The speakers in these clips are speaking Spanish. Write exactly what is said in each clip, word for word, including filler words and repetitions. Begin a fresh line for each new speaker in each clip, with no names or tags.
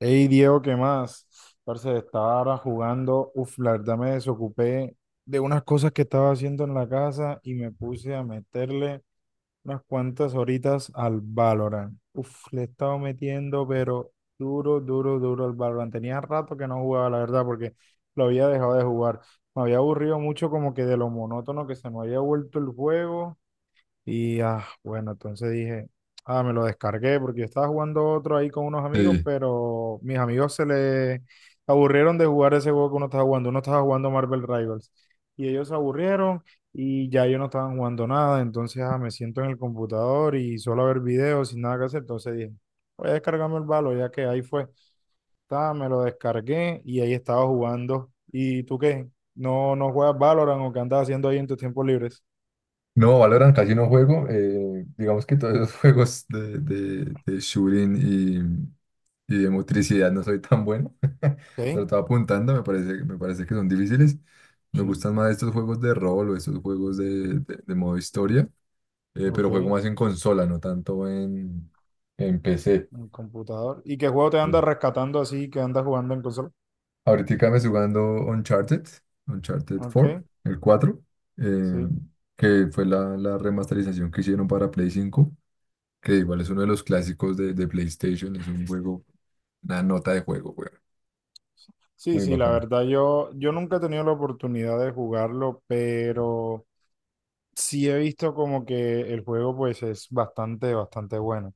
Hey Diego, ¿qué más? Parce, estaba ahora jugando. Uf, la verdad me desocupé de unas cosas que estaba haciendo en la casa y me puse a meterle unas cuantas horitas al Valorant. Uf, le he estado metiendo, pero duro, duro, duro al Valorant. Tenía rato que no jugaba, la verdad, porque lo había dejado de jugar. Me había aburrido mucho como que de lo monótono que se me había vuelto el juego y ah, bueno, entonces dije, ah, me lo descargué porque yo estaba jugando otro ahí con unos amigos,
Sí.
pero mis amigos se les aburrieron de jugar ese juego que uno estaba jugando. Uno estaba jugando Marvel Rivals y ellos se aburrieron y ya ellos no estaban jugando nada. Entonces ah, me siento en el computador y solo a ver videos sin nada que hacer. Entonces dije, voy a descargarme el Valo, ya que ahí fue. Ta, me lo descargué y ahí estaba jugando. ¿Y tú qué? ¿No, no juegas Valorant o qué andas haciendo ahí en tus tiempos libres?
No, Valorant casi no juego. Eh, digamos que todos los juegos de, de, de shooting y, y de motricidad no soy tan bueno.
Ok,
Sobre todo apuntando, me parece, me parece que son difíciles. Me
sí,
gustan más estos juegos de rol o estos juegos de, de, de modo historia, eh, pero juego
ok.
más en consola, no tanto en, en P C.
En computador. ¿Y qué juego te anda
Sí.
rescatando así que andas jugando en consola?
Ahorita me estoy jugando Uncharted, Uncharted cuatro,
Ok,
el cuatro, eh,
sí.
que fue la, la remasterización que hicieron para Play cinco. Que igual es uno de los clásicos de, de PlayStation, es un juego, una nota de juego, güey.
Sí,
Muy
sí, la
bacano.
verdad yo, yo nunca he tenido la oportunidad de jugarlo, pero sí he visto como que el juego pues es bastante, bastante bueno.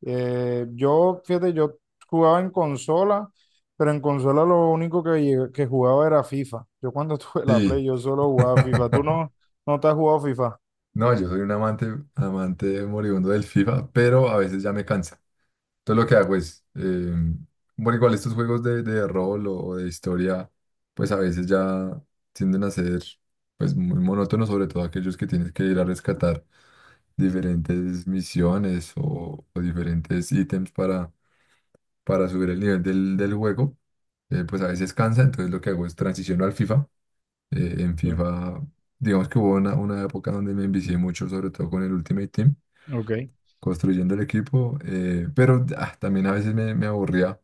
Eh, yo, fíjate, yo jugaba en consola, pero en consola lo único que, llegué- que jugaba era FIFA. Yo cuando tuve la
Sí.
Play yo solo jugaba FIFA. ¿Tú no, no te has jugado FIFA?
No, yo soy un amante, amante moribundo del FIFA, pero a veces ya me cansa. Entonces lo que hago es, eh, bueno, igual estos juegos de, de rol o de historia, pues a veces ya tienden a ser pues muy monótonos, sobre todo aquellos que tienes que ir a rescatar diferentes misiones o, o diferentes ítems para para subir el nivel del, del juego. eh, pues a veces cansa, entonces lo que hago es transiciono al FIFA. Eh, en
Sí.
FIFA, digamos que hubo una, una época donde me envicié mucho, sobre todo con el Ultimate Team,
Ok.
construyendo el equipo, eh, pero ah, también a veces me, me aburría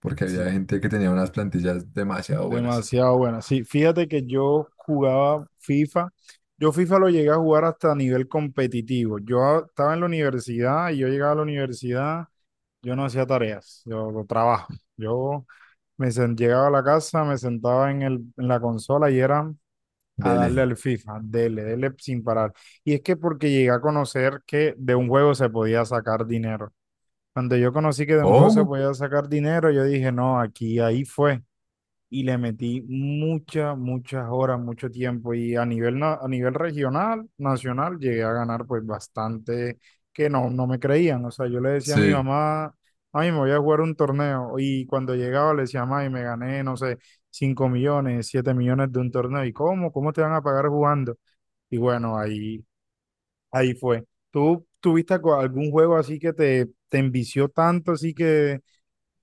porque había
Sí.
gente que tenía unas plantillas demasiado buenas.
Demasiado buena. Sí, fíjate que yo jugaba FIFA. Yo FIFA lo llegué a jugar hasta nivel competitivo. Yo a- estaba en la universidad y yo llegaba a la universidad, yo no hacía tareas, yo, yo trabajo. Yo me sen- llegaba a la casa, me sentaba en el, en la consola y era a darle
Dele.
al FIFA, dele, dele sin parar. Y es que porque llegué a conocer que de un juego se podía sacar dinero. Cuando yo conocí que de un juego se
¿Cómo?
podía sacar dinero, yo dije, no, aquí, ahí fue y le metí muchas, muchas horas, mucho tiempo y a nivel, na- a nivel regional, nacional, llegué a ganar pues bastante que no, no me creían. O sea, yo le decía a mi
Sí,
mamá, ay, me voy a jugar un torneo y cuando llegaba le decía, ay, me gané, no sé, cinco millones, siete millones de un torneo. ¿Y cómo? ¿Cómo te van a pagar jugando? Y bueno, ahí, ahí fue. ¿Tú tuviste algo- algún juego así que te, te envició tanto, así que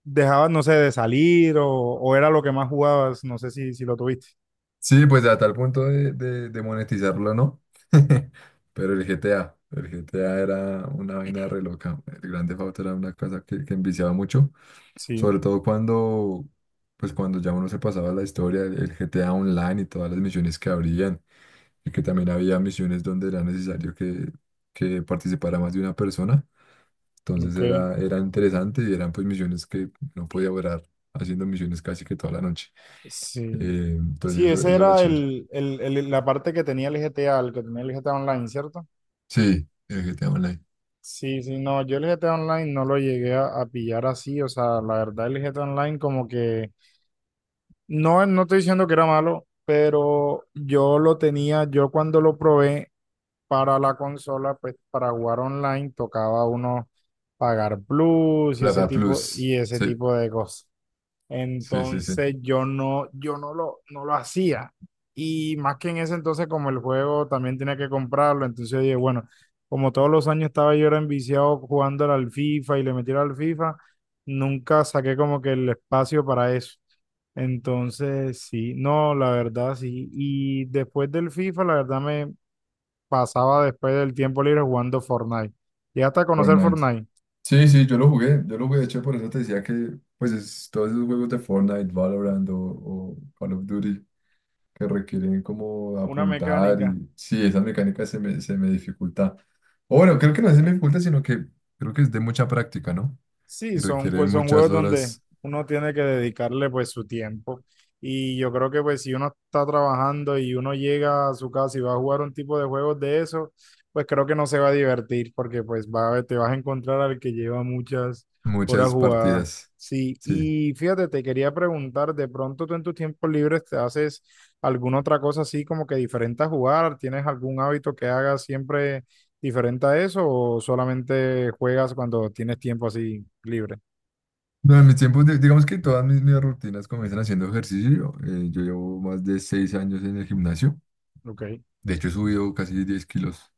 dejabas, no sé, de salir o, o era lo que más jugabas, no sé si, si lo tuviste.
sí, pues a tal punto de, de, de monetizarlo, ¿no? Pero el G T A, el G T A era una vaina re loca. El Grand Theft Auto era una cosa que, que enviciaba mucho.
Sí,
Sobre todo cuando, pues cuando ya uno se pasaba la historia, el el G T A Online y todas las misiones que habrían, y que también había misiones donde era necesario que, que participara más de una persona. Entonces
ok,
era, era interesante y eran pues misiones que no podía durar haciendo misiones casi que toda la noche.
sí.
Eh, entonces
Sí,
eso,
ese
eso era
era
chévere.
el, el- el- la parte que tenía el G T A, el que tenía el G T A Online, ¿cierto?
Sí, el G T A Online.
Sí, sí, no, yo el G T A Online no lo llegué a, a pillar así, o sea, la verdad el G T A Online como que, no, no estoy diciendo que era malo, pero yo lo tenía, yo cuando lo probé para la consola, pues para jugar online tocaba uno pagar plus y ese
Plaga
tipo
Plus.
y ese
Sí,
tipo de cosas.
sí, sí, sí.
Entonces yo no yo no lo no lo hacía y más que en ese entonces como el juego también tenía que comprarlo, entonces yo dije, bueno, como todos los años estaba yo era enviciado jugando al FIFA y le metiera al FIFA, nunca saqué como que el espacio para eso. Entonces, sí, no, la verdad, sí. Y después del FIFA, la verdad me pasaba después del tiempo libre jugando Fortnite. ¿Llegaste a conocer
Fortnite.
Fortnite?
Sí, sí, yo lo jugué, yo lo jugué, de hecho, por eso te decía que, pues, es- todos esos juegos de Fortnite, Valorant o, o Call of Duty que requieren como
Una
apuntar
mecánica.
y, sí, esa mecánica se me, se me dificulta. O bueno, creo que no se me dificulta, sino que creo que es de mucha práctica, ¿no?
Sí,
Y
son,
requiere
jue- son
muchas
juegos donde
horas,
uno tiene que dedicarle pues su tiempo. Y yo creo que pues si uno está trabajando y uno llega a su casa y va a jugar un tipo de juegos de eso, pues creo que no se va a divertir porque pues va a, ver- te vas a encontrar al que lleva muchas horas
muchas
jugadas.
partidas,
Sí,
sí.
y fíjate, te quería preguntar, ¿de pronto tú en tus tiempos libres te haces alguna otra cosa así como que diferente a jugar? ¿Tienes algún hábito que hagas siempre diferente a eso o solamente juegas cuando tienes tiempo así libre?
No, en mis tiempos, di- digamos que todas mis, mis rutinas comienzan haciendo ejercicio. eh, yo llevo más de seis años en el gimnasio.
Ok,
De hecho, he subido casi diez kilos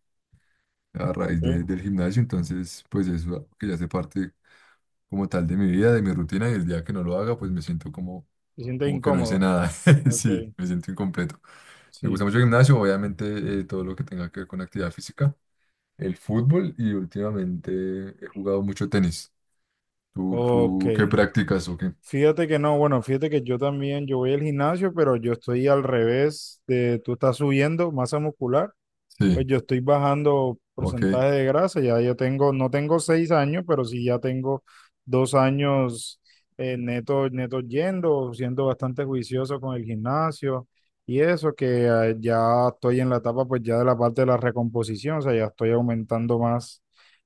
a raíz
ok.
de- del gimnasio, entonces pues eso que ya hace parte como tal de mi vida, de mi rutina y el día que no lo haga pues me siento como,
¿Te sientes
como que no hice
incómodo?
nada,
Ok,
sí, me siento incompleto. Me gusta
sí.
mucho el gimnasio, obviamente eh, todo lo que tenga que ver con actividad física, el fútbol y últimamente he jugado mucho tenis. ¿Tú,
Ok.
tú qué practicas o qué?
Fíjate que no, bueno, fíjate que yo también, yo voy al gimnasio, pero yo estoy al revés de tú estás subiendo masa muscular. Pues
Sí,
yo estoy bajando
ok.
porcentaje de grasa, ya yo tengo, no tengo seis años, pero sí ya tengo dos años eh, neto, neto yendo, siendo bastante juicioso con el gimnasio y eso, que eh, ya estoy en la etapa pues ya de la parte de la recomposición, o sea, ya estoy aumentando más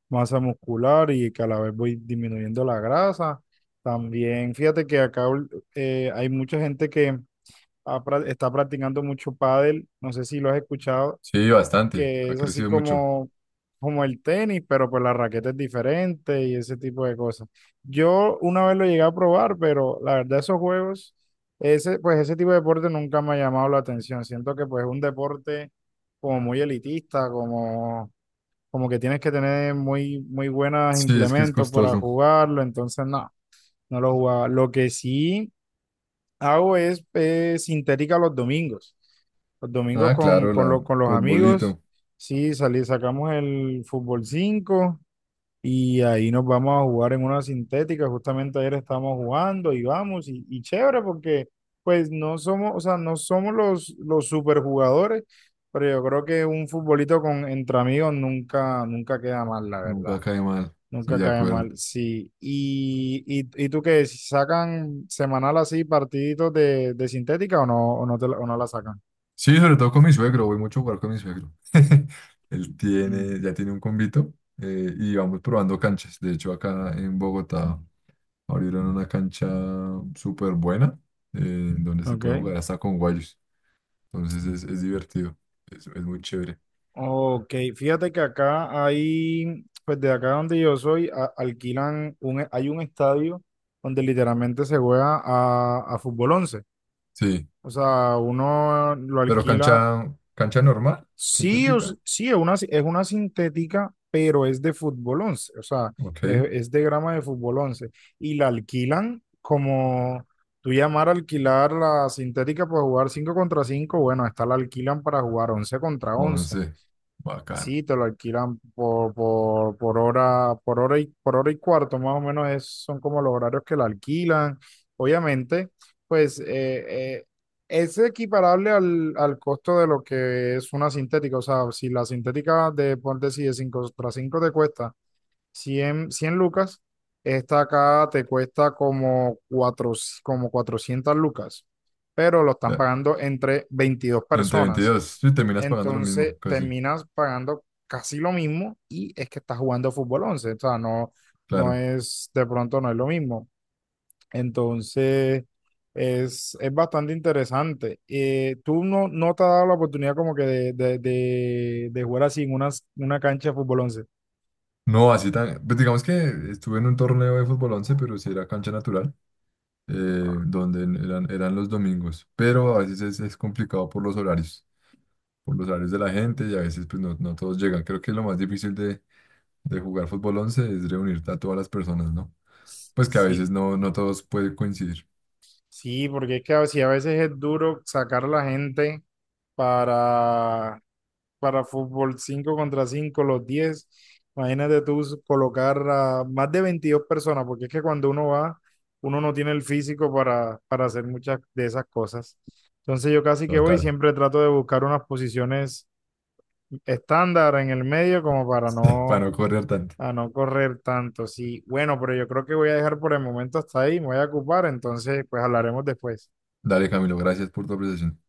masa muscular y que a la vez voy disminuyendo la grasa. También fíjate que acá ul- eh, hay mucha gente que ha pra- está practicando mucho pádel, no sé si lo has escuchado
Sí, bastante,
que
ha
es así
crecido mucho.
como, como el tenis, pero pues la raqueta es diferente y ese tipo de cosas. Yo una vez lo llegué a probar, pero la verdad esos juegos, ese, pues ese tipo de deporte nunca me ha llamado la atención. Siento que pues es un deporte como muy elitista, como, como que tienes que tener muy, muy buenos
Sí, es que es
implementos para
costoso.
jugarlo, entonces no, no lo jugaba. Lo que sí hago es eh, sintética los domingos. Los domingos
Ah,
con,
claro,
con,
la
lo- con los amigos,
futbolito,
sí, salí, sacamos el fútbol cinco y ahí nos vamos a jugar en una sintética. Justamente ayer estábamos jugando y vamos, y, y chévere porque pues no somos, o sea, no somos los, los superjugadores, pero yo creo que un futbolito con, entre amigos nunca, nunca queda mal, la verdad.
nunca cae mal, sí,
Nunca
de
cae
acuerdo.
mal, sí. ¿Y, y, y tú qué? ¿Sacan semanal así partiditos de, de sintética o no, o no, te la- o no la sacan?
Sí, sobre todo con mi suegro, voy mucho a jugar con mi suegro. Él
Mm,
tiene, ya tiene un convito eh, y vamos probando canchas. De hecho, acá en Bogotá abrieron una cancha súper buena, eh, donde se puede
ok.
jugar hasta con guayos. Entonces es, es divertido, es, es muy chévere.
Ok, fíjate que acá hay, pues de acá donde yo soy, a- alquilan, un, hay un estadio donde literalmente se juega a, a fútbol once.
Sí,
O sea, uno lo
pero
alquila.
cancha, cancha normal,
Sí, o s-
sintética,
sí, es una, es una sintética, pero es de fútbol once, o sea,
ok.
es, es de grama de fútbol once y la alquilan como tú llamar a alquilar la sintética para jugar cinco contra cinco, bueno, esta la alquilan para jugar once contra once.
Once, bacano.
Sí, te lo alquilan por, por, por hora, por hora y por hora y cuarto, más o menos es- son como los horarios que la alquilan. Obviamente, pues eh, eh, es equiparable al, al costo de lo que es una sintética. O sea, si la sintética de ponte si de cinco tras cinco te cuesta cien cien lucas, esta acá te cuesta como, cuatro, como cuatrocientas lucas, pero lo están
Ya,
pagando entre veintidós
entre
personas
veintidós sí, terminas pagando lo
Entonces
mismo, casi,
terminas pagando casi lo mismo y es que estás jugando fútbol once, o sea, no, no
claro.
es, de pronto no es lo mismo. Entonces, es, es bastante interesante. Eh, ¿tú no, no te has dado la oportunidad como que de, de, de, de jugar así en una, una cancha de fútbol once?
No, así tan. Pues digamos que estuve en un torneo de fútbol once, pero sí era cancha natural, eh, donde en- eran, eran los domingos. Pero a veces es, es complicado por los horarios, por los horarios de la gente y a veces pues no, no todos llegan. Creo que lo más difícil de, de jugar fútbol once es reunirte a todas las personas, ¿no? Pues que a
Sí,
veces no, no todos pueden coincidir.
sí, porque es que a veces, a veces es duro sacar a la gente para, para fútbol cinco contra cinco los diez. Imagínate tú colocar a más de veintidós personas, porque es que cuando uno va, uno no tiene el físico para, para hacer muchas de esas cosas. Entonces yo casi que voy,
Total.
siempre trato de buscar unas posiciones estándar en el medio como para
Para
no,
no correr tanto.
a no correr tanto. Sí, bueno, pero yo creo que voy a dejar por el momento hasta ahí, me voy a ocupar, entonces pues hablaremos después.
Dale, Camilo, gracias por tu apreciación.